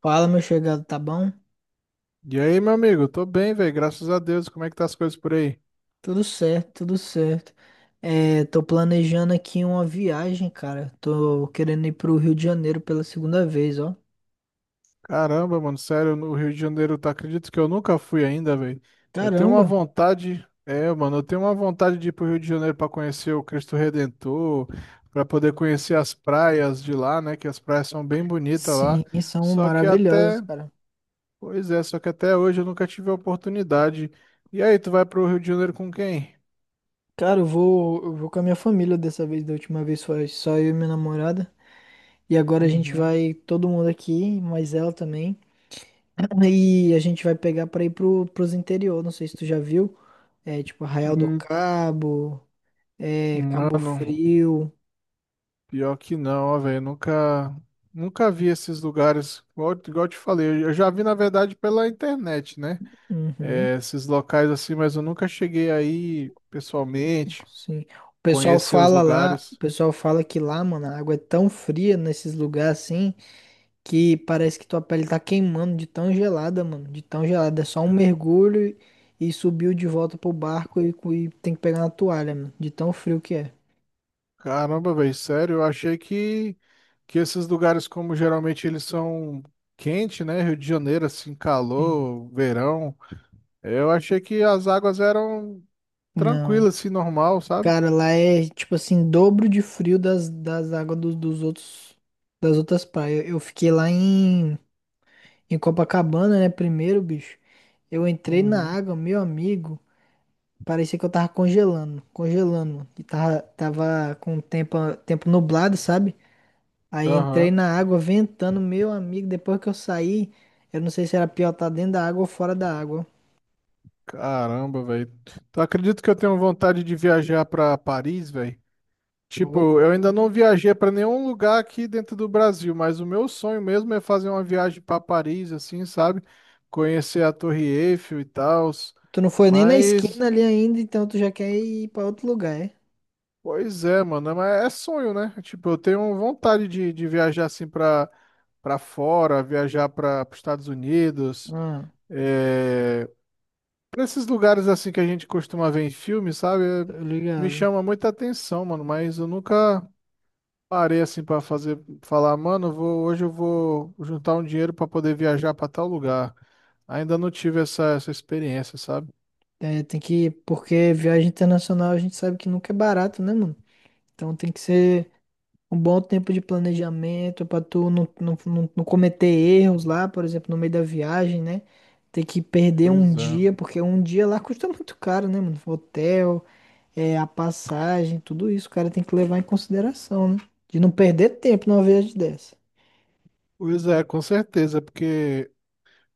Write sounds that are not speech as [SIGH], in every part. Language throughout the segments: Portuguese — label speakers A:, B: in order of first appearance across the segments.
A: Fala, meu chegado, tá bom?
B: E aí, meu amigo? Tô bem, velho, graças a Deus. Como é que tá as coisas por aí?
A: Tudo certo, tudo certo. É, tô planejando aqui uma viagem, cara. Tô querendo ir pro Rio de Janeiro pela segunda vez, ó.
B: Caramba, mano, sério, no Rio de Janeiro, tá? Acredito que eu nunca fui ainda, velho. Eu tenho uma
A: Caramba!
B: vontade, mano, eu tenho uma vontade de ir pro Rio de Janeiro pra conhecer o Cristo Redentor, pra poder conhecer as praias de lá, né? Que as praias são bem bonitas lá.
A: Sim, são
B: Só que
A: maravilhosos,
B: até,
A: cara.
B: pois é, só que até hoje eu nunca tive a oportunidade. E aí, tu vai pro Rio de Janeiro com quem?
A: Cara, eu vou com a minha família dessa vez, da última vez foi só eu e minha namorada. E agora a gente
B: Uhum.
A: vai, todo mundo aqui, mais ela também. E a gente vai pegar pra ir pros interior, não sei se tu já viu. É, tipo Arraial do
B: Hum.
A: Cabo, é, Cabo
B: Mano.
A: Frio.
B: Pior que não, ó, velho. Nunca, nunca vi esses lugares. Igual eu te falei, eu já vi, na verdade, pela internet, né?
A: Uhum,
B: É, esses locais assim, mas eu nunca cheguei aí pessoalmente,
A: sim. O pessoal
B: conhecer os
A: fala lá, o
B: lugares.
A: pessoal fala que lá, mano, a água é tão fria nesses lugares assim que parece que tua pele tá queimando de tão gelada, mano, de tão gelada. É só um mergulho e subiu de volta pro barco e tem que pegar na toalha, mano, de tão frio que é.
B: Caramba, velho, sério, eu achei que esses lugares, como geralmente eles são quente, né? Rio de Janeiro, assim, calor, verão. Eu achei que as águas eram
A: Não.
B: tranquilas, assim, normal, sabe?
A: Cara, lá é tipo assim, dobro de frio das águas dos outros, das outras praias. Eu fiquei lá em Copacabana, né, primeiro, bicho. Eu entrei na
B: Uhum.
A: água, meu amigo. Parecia que eu tava congelando, congelando, mano. E tava com o tempo nublado, sabe? Aí entrei
B: Aham.
A: na água ventando, meu amigo. Depois que eu saí, eu não sei se era pior estar dentro da água ou fora da água.
B: Caramba, velho. Tu acredita que eu tenho vontade de viajar pra Paris, velho?
A: Ô,
B: Tipo, eu
A: louco.
B: ainda não viajei pra nenhum lugar aqui dentro do Brasil, mas o meu sonho mesmo é fazer uma viagem pra Paris, assim, sabe? Conhecer a Torre Eiffel e tal.
A: Tu não foi nem na
B: Mas,
A: esquina ali ainda, então tu já quer ir pra outro lugar, é?
B: pois é, mano, mas é sonho, né? Tipo, eu tenho vontade de viajar assim pra fora, viajar para os Estados Unidos.
A: Ah,
B: eh, Nesses lugares assim que a gente costuma ver em filme, sabe?
A: tô
B: Me
A: ligado.
B: chama muita atenção, mano, mas eu nunca parei assim pra fazer falar, mano, eu vou, hoje eu vou juntar um dinheiro pra poder viajar pra tal lugar. Ainda não tive essa experiência, sabe?
A: É, tem que, porque viagem internacional a gente sabe que nunca é barato, né, mano? Então tem que ser. Um bom tempo de planejamento para tu não, não, não, não cometer erros lá, por exemplo, no meio da viagem, né? Ter que perder um
B: Pois é.
A: dia, porque um dia lá custa [LAUGHS] muito caro, né, mano? Hotel, é, a passagem, tudo isso, o cara tem que levar em consideração, né? De não perder tempo numa viagem dessa.
B: Pois é, com certeza, porque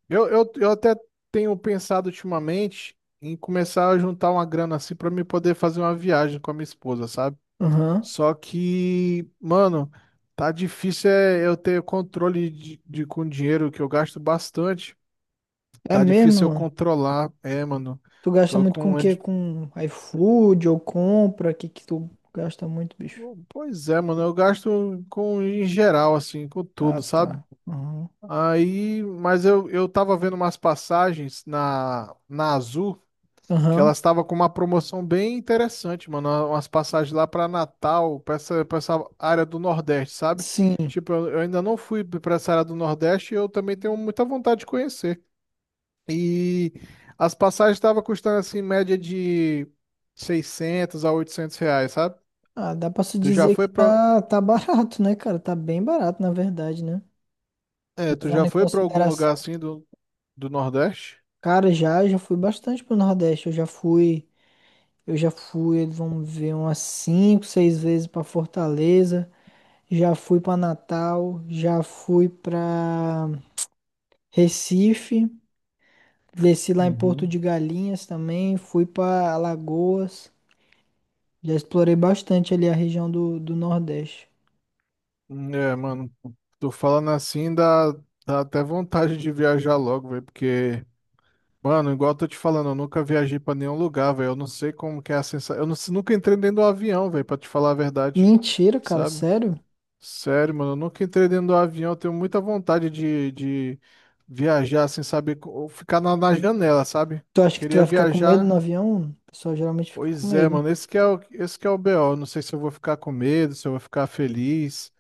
B: eu até tenho pensado ultimamente em começar a juntar uma grana assim pra me poder fazer uma viagem com a minha esposa, sabe?
A: Aham.
B: Só que, mano, tá difícil é eu ter controle com dinheiro que eu gasto bastante.
A: É
B: Tá
A: mesmo,
B: difícil eu
A: mano.
B: controlar. É, mano.
A: Tu gasta
B: Tô
A: muito com
B: com.
A: o quê?
B: anti-
A: Com iFood ou compra? O que que tu gasta muito, bicho?
B: Pô, pois é, mano. Eu gasto com em geral, assim, com
A: Ah,
B: tudo, sabe?
A: tá. Aham.
B: Aí, mas eu tava vendo umas passagens na Azul. Que elas
A: Aham.
B: estavam com uma promoção bem interessante, mano. Umas passagens lá pra Natal, pra essa área do Nordeste, sabe?
A: Sim.
B: Tipo, eu ainda não fui pra essa área do Nordeste e eu também tenho muita vontade de conhecer. E as passagens estavam custando assim, em média de 600 a 800 reais, sabe?
A: Ah, dá pra se
B: Tu já
A: dizer
B: foi
A: que
B: pra,
A: tá, tá barato, né, cara? Tá bem barato, na verdade, né?
B: tu
A: Levando
B: já
A: em
B: foi pra algum lugar
A: consideração.
B: assim do Nordeste?
A: Cara, já, já fui bastante pro Nordeste. Eu já fui, vamos ver, umas cinco, seis vezes pra Fortaleza. Já fui pra Natal, já fui pra Recife. Desci lá em Porto
B: Uhum.
A: de Galinhas também. Fui pra Alagoas. Já explorei bastante ali a região do Nordeste.
B: É, mano, tô falando assim, dá até vontade de viajar logo, velho, porque, mano, igual eu tô te falando, eu nunca viajei pra nenhum lugar, velho, eu não sei como que é a sensação, eu não- nunca entrei dentro do avião, velho, pra te falar a verdade,
A: Mentira, cara,
B: sabe?
A: sério?
B: Sério, mano, eu nunca entrei dentro do avião. Eu tenho muita vontade de viajar sem saber, ou ficar na janela, sabe?
A: Tu acha que tu
B: Queria
A: vai ficar com medo no
B: viajar.
A: avião? O pessoal geralmente fica com
B: Pois é,
A: medo.
B: mano, esse que é o BO. Não sei se eu vou ficar com medo, se eu vou ficar feliz,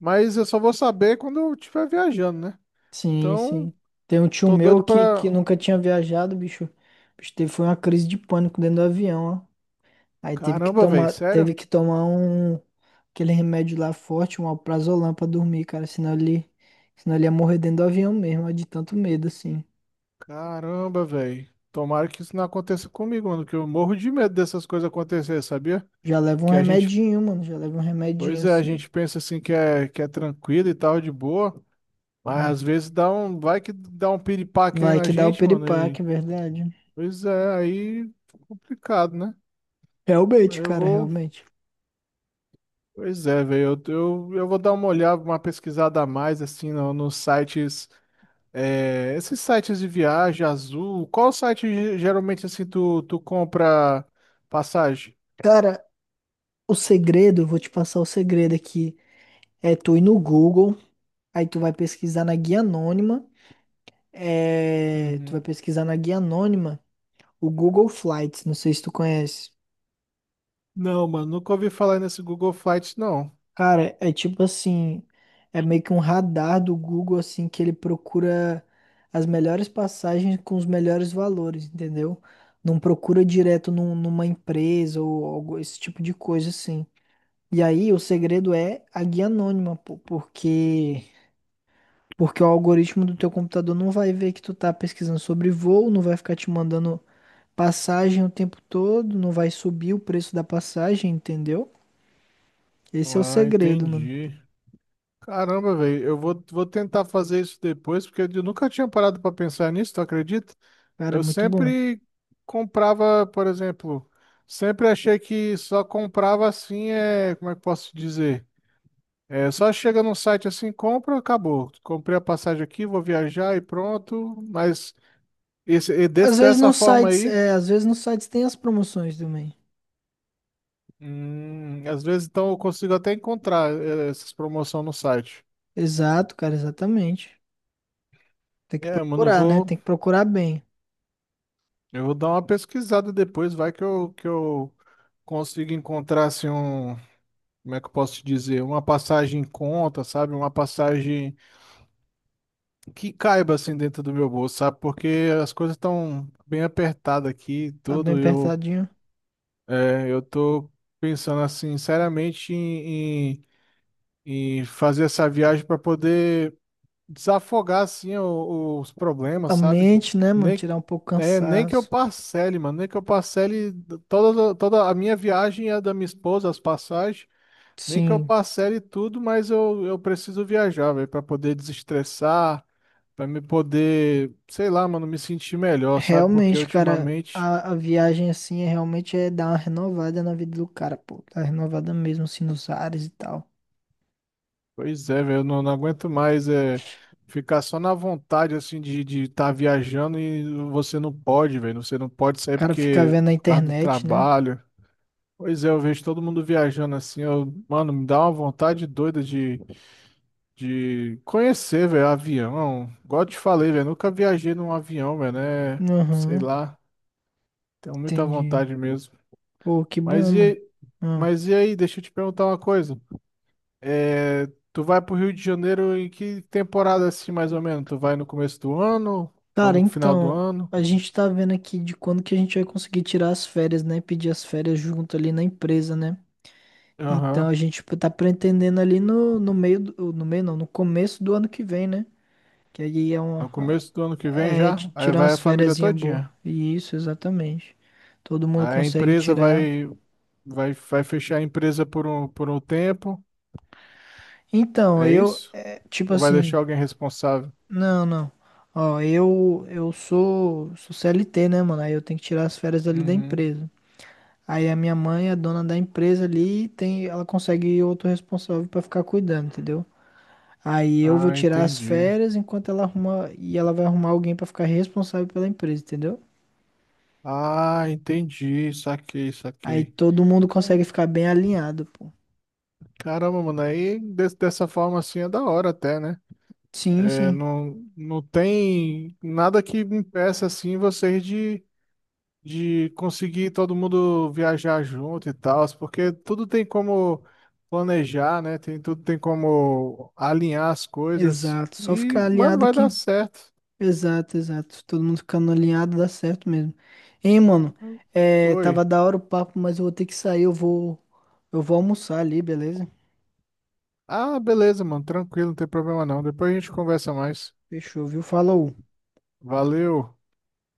B: mas eu só vou saber quando eu estiver viajando, né?
A: Sim,
B: Então,
A: sim. Tem um tio
B: tô
A: meu
B: doido
A: que
B: pra.
A: nunca tinha viajado, bicho. Bicho, teve, foi uma crise de pânico dentro do avião, ó. Aí teve que
B: Caramba, velho,
A: tomar, teve
B: sério?
A: que tomar um aquele remédio lá forte, um alprazolam pra dormir, cara. Senão ele ia morrer dentro do avião mesmo, ó, de tanto medo, assim.
B: Caramba, velho. Tomara que isso não aconteça comigo, mano, que eu morro de medo dessas coisas acontecer, sabia?
A: Já leva um
B: Que a gente
A: remedinho, mano. Já leva um remedinho,
B: pois é, a
A: assim.
B: gente pensa assim que que é tranquilo e tal, de boa, mas às
A: Ah,
B: vezes dá um, vai que dá um piripaque aí
A: vai
B: na
A: que dá o
B: gente, mano,
A: piripaque,
B: e
A: é verdade.
B: pois é, aí fica complicado, né? Eu vou,
A: Realmente.
B: pois é, velho, eu vou dar uma olhada, uma pesquisada a mais, assim, no, nos sites, é, esses sites de viagem, Azul, qual site geralmente, assim, tu compra passagem?
A: Cara, o segredo, eu vou te passar o segredo aqui. É tu ir no Google, aí tu vai pesquisar na guia anônima. É, tu vai
B: Uhum.
A: pesquisar na guia anônima o Google Flights, não sei se tu conhece.
B: Não, mano, nunca ouvi falar nesse Google Flights, não.
A: Cara, é tipo assim, é meio que um radar do Google assim que ele procura as melhores passagens com os melhores valores, entendeu? Não procura direto numa empresa ou esse tipo de coisa assim. E aí o segredo é a guia anônima, pô, porque o algoritmo do teu computador não vai ver que tu tá pesquisando sobre voo, não vai ficar te mandando passagem o tempo todo, não vai subir o preço da passagem, entendeu? Esse é o
B: Ah,
A: segredo, mano.
B: entendi. Caramba, velho, vou tentar fazer isso depois, porque eu nunca tinha parado pra pensar nisso, tu acredita?
A: Cara, é
B: Eu
A: muito bom.
B: sempre comprava, por exemplo, sempre achei que só comprava assim, é, como é que eu posso dizer? É, só chega num site assim, compra, acabou. Comprei a passagem aqui, vou viajar e pronto. Mas
A: Às vezes
B: dessa
A: nos
B: forma
A: sites,
B: aí,
A: é, às vezes nos sites tem as promoções também.
B: às vezes então eu consigo até encontrar essas promoções no site.
A: Exato, cara, exatamente. Tem que
B: É, mano, eu
A: procurar, né?
B: vou.
A: Tem que procurar bem.
B: Eu vou dar uma pesquisada depois, vai que eu consigo encontrar assim um, como é que eu posso te dizer, uma passagem em conta, sabe? Uma passagem que caiba assim dentro do meu bolso, sabe? Porque as coisas estão bem apertadas aqui, e
A: Tá bem
B: tudo. Eu
A: apertadinho.
B: eu tô pensando assim, seriamente em fazer essa viagem para poder desafogar assim os problemas,
A: A
B: sabe?
A: mente, né, mano?
B: Nem,
A: Tirar um pouco o
B: nem que eu
A: cansaço.
B: parcele, mano, nem que eu parcele toda, toda a minha viagem e a da minha esposa, as passagens, nem que eu
A: Sim.
B: parcele tudo, mas eu preciso viajar, velho, para poder desestressar, para me poder, sei lá, mano, me sentir melhor, sabe? Porque
A: Realmente, cara,
B: ultimamente
A: a viagem assim é realmente dar uma renovada na vida do cara, pô. Tá renovada mesmo, assim, nos ares e tal. O
B: pois é, velho, eu não, não aguento mais é, ficar só na vontade, assim, de estar viajando e você não pode, velho, você não pode sair
A: cara fica
B: porque,
A: vendo na
B: por causa do
A: internet, né?
B: trabalho. Pois é, eu vejo todo mundo viajando assim, eu, mano, me dá uma vontade doida de conhecer, velho, avião. Igual eu te falei, velho, nunca viajei num avião, velho, né? Sei
A: Aham,
B: lá, tenho muita
A: entendi.
B: vontade mesmo.
A: Pô, que bom,
B: Mas
A: mano.
B: e,
A: Ah.
B: mas e aí, deixa eu te perguntar uma coisa. É, tu vai pro Rio de Janeiro em que temporada assim, mais ou menos? Tu vai no começo do ano? Vai
A: Cara,
B: no final do
A: então,
B: ano?
A: a gente tá vendo aqui de quando que a gente vai conseguir tirar as férias, né? Pedir as férias junto ali na empresa, né? Então a
B: Aham.
A: gente tipo, tá pretendendo ali no meio não, no começo do ano que vem, né? Que aí é um.
B: No começo do ano que vem
A: É
B: já? Aí
A: tirar
B: vai a
A: umas
B: família
A: fériasinha boa.
B: todinha.
A: Isso, exatamente. Todo mundo
B: Aí a
A: consegue
B: empresa
A: tirar.
B: vai, vai fechar a empresa por um tempo.
A: Então,
B: É
A: eu.
B: isso?
A: É, tipo
B: Ou vai
A: assim.
B: deixar alguém responsável?
A: Não, não. Ó, eu. Eu sou. Sou CLT, né, mano? Aí eu tenho que tirar as férias ali da
B: Uhum.
A: empresa. Aí a minha mãe é dona da empresa ali. E tem, ela consegue outro responsável pra ficar cuidando, entendeu? Aí eu vou
B: Ah,
A: tirar as
B: entendi.
A: férias enquanto ela arruma. E ela vai arrumar alguém pra ficar responsável pela empresa, entendeu?
B: Ah, entendi. Saquei,
A: Aí
B: saquei.
A: todo mundo
B: Ca-
A: consegue ficar bem alinhado, pô.
B: Caramba, mano. Aí dessa forma assim é da hora até, né?
A: Sim,
B: É,
A: sim.
B: não, não tem nada que impeça assim vocês de conseguir todo mundo viajar junto e tal, porque tudo tem como planejar, né? Tem, tudo tem como alinhar as coisas.
A: Exato. Só
B: E,
A: ficar
B: mano,
A: alinhado
B: vai dar
A: aqui.
B: certo.
A: Exato, exato. Todo mundo ficando alinhado dá certo mesmo. Hein, mano? É,
B: Oi.
A: tava da hora o papo, mas eu vou ter que sair. Eu vou almoçar ali, beleza?
B: Ah, beleza, mano. Tranquilo, não tem problema não. Depois a gente conversa mais.
A: Fechou, viu? Falou.
B: Valeu.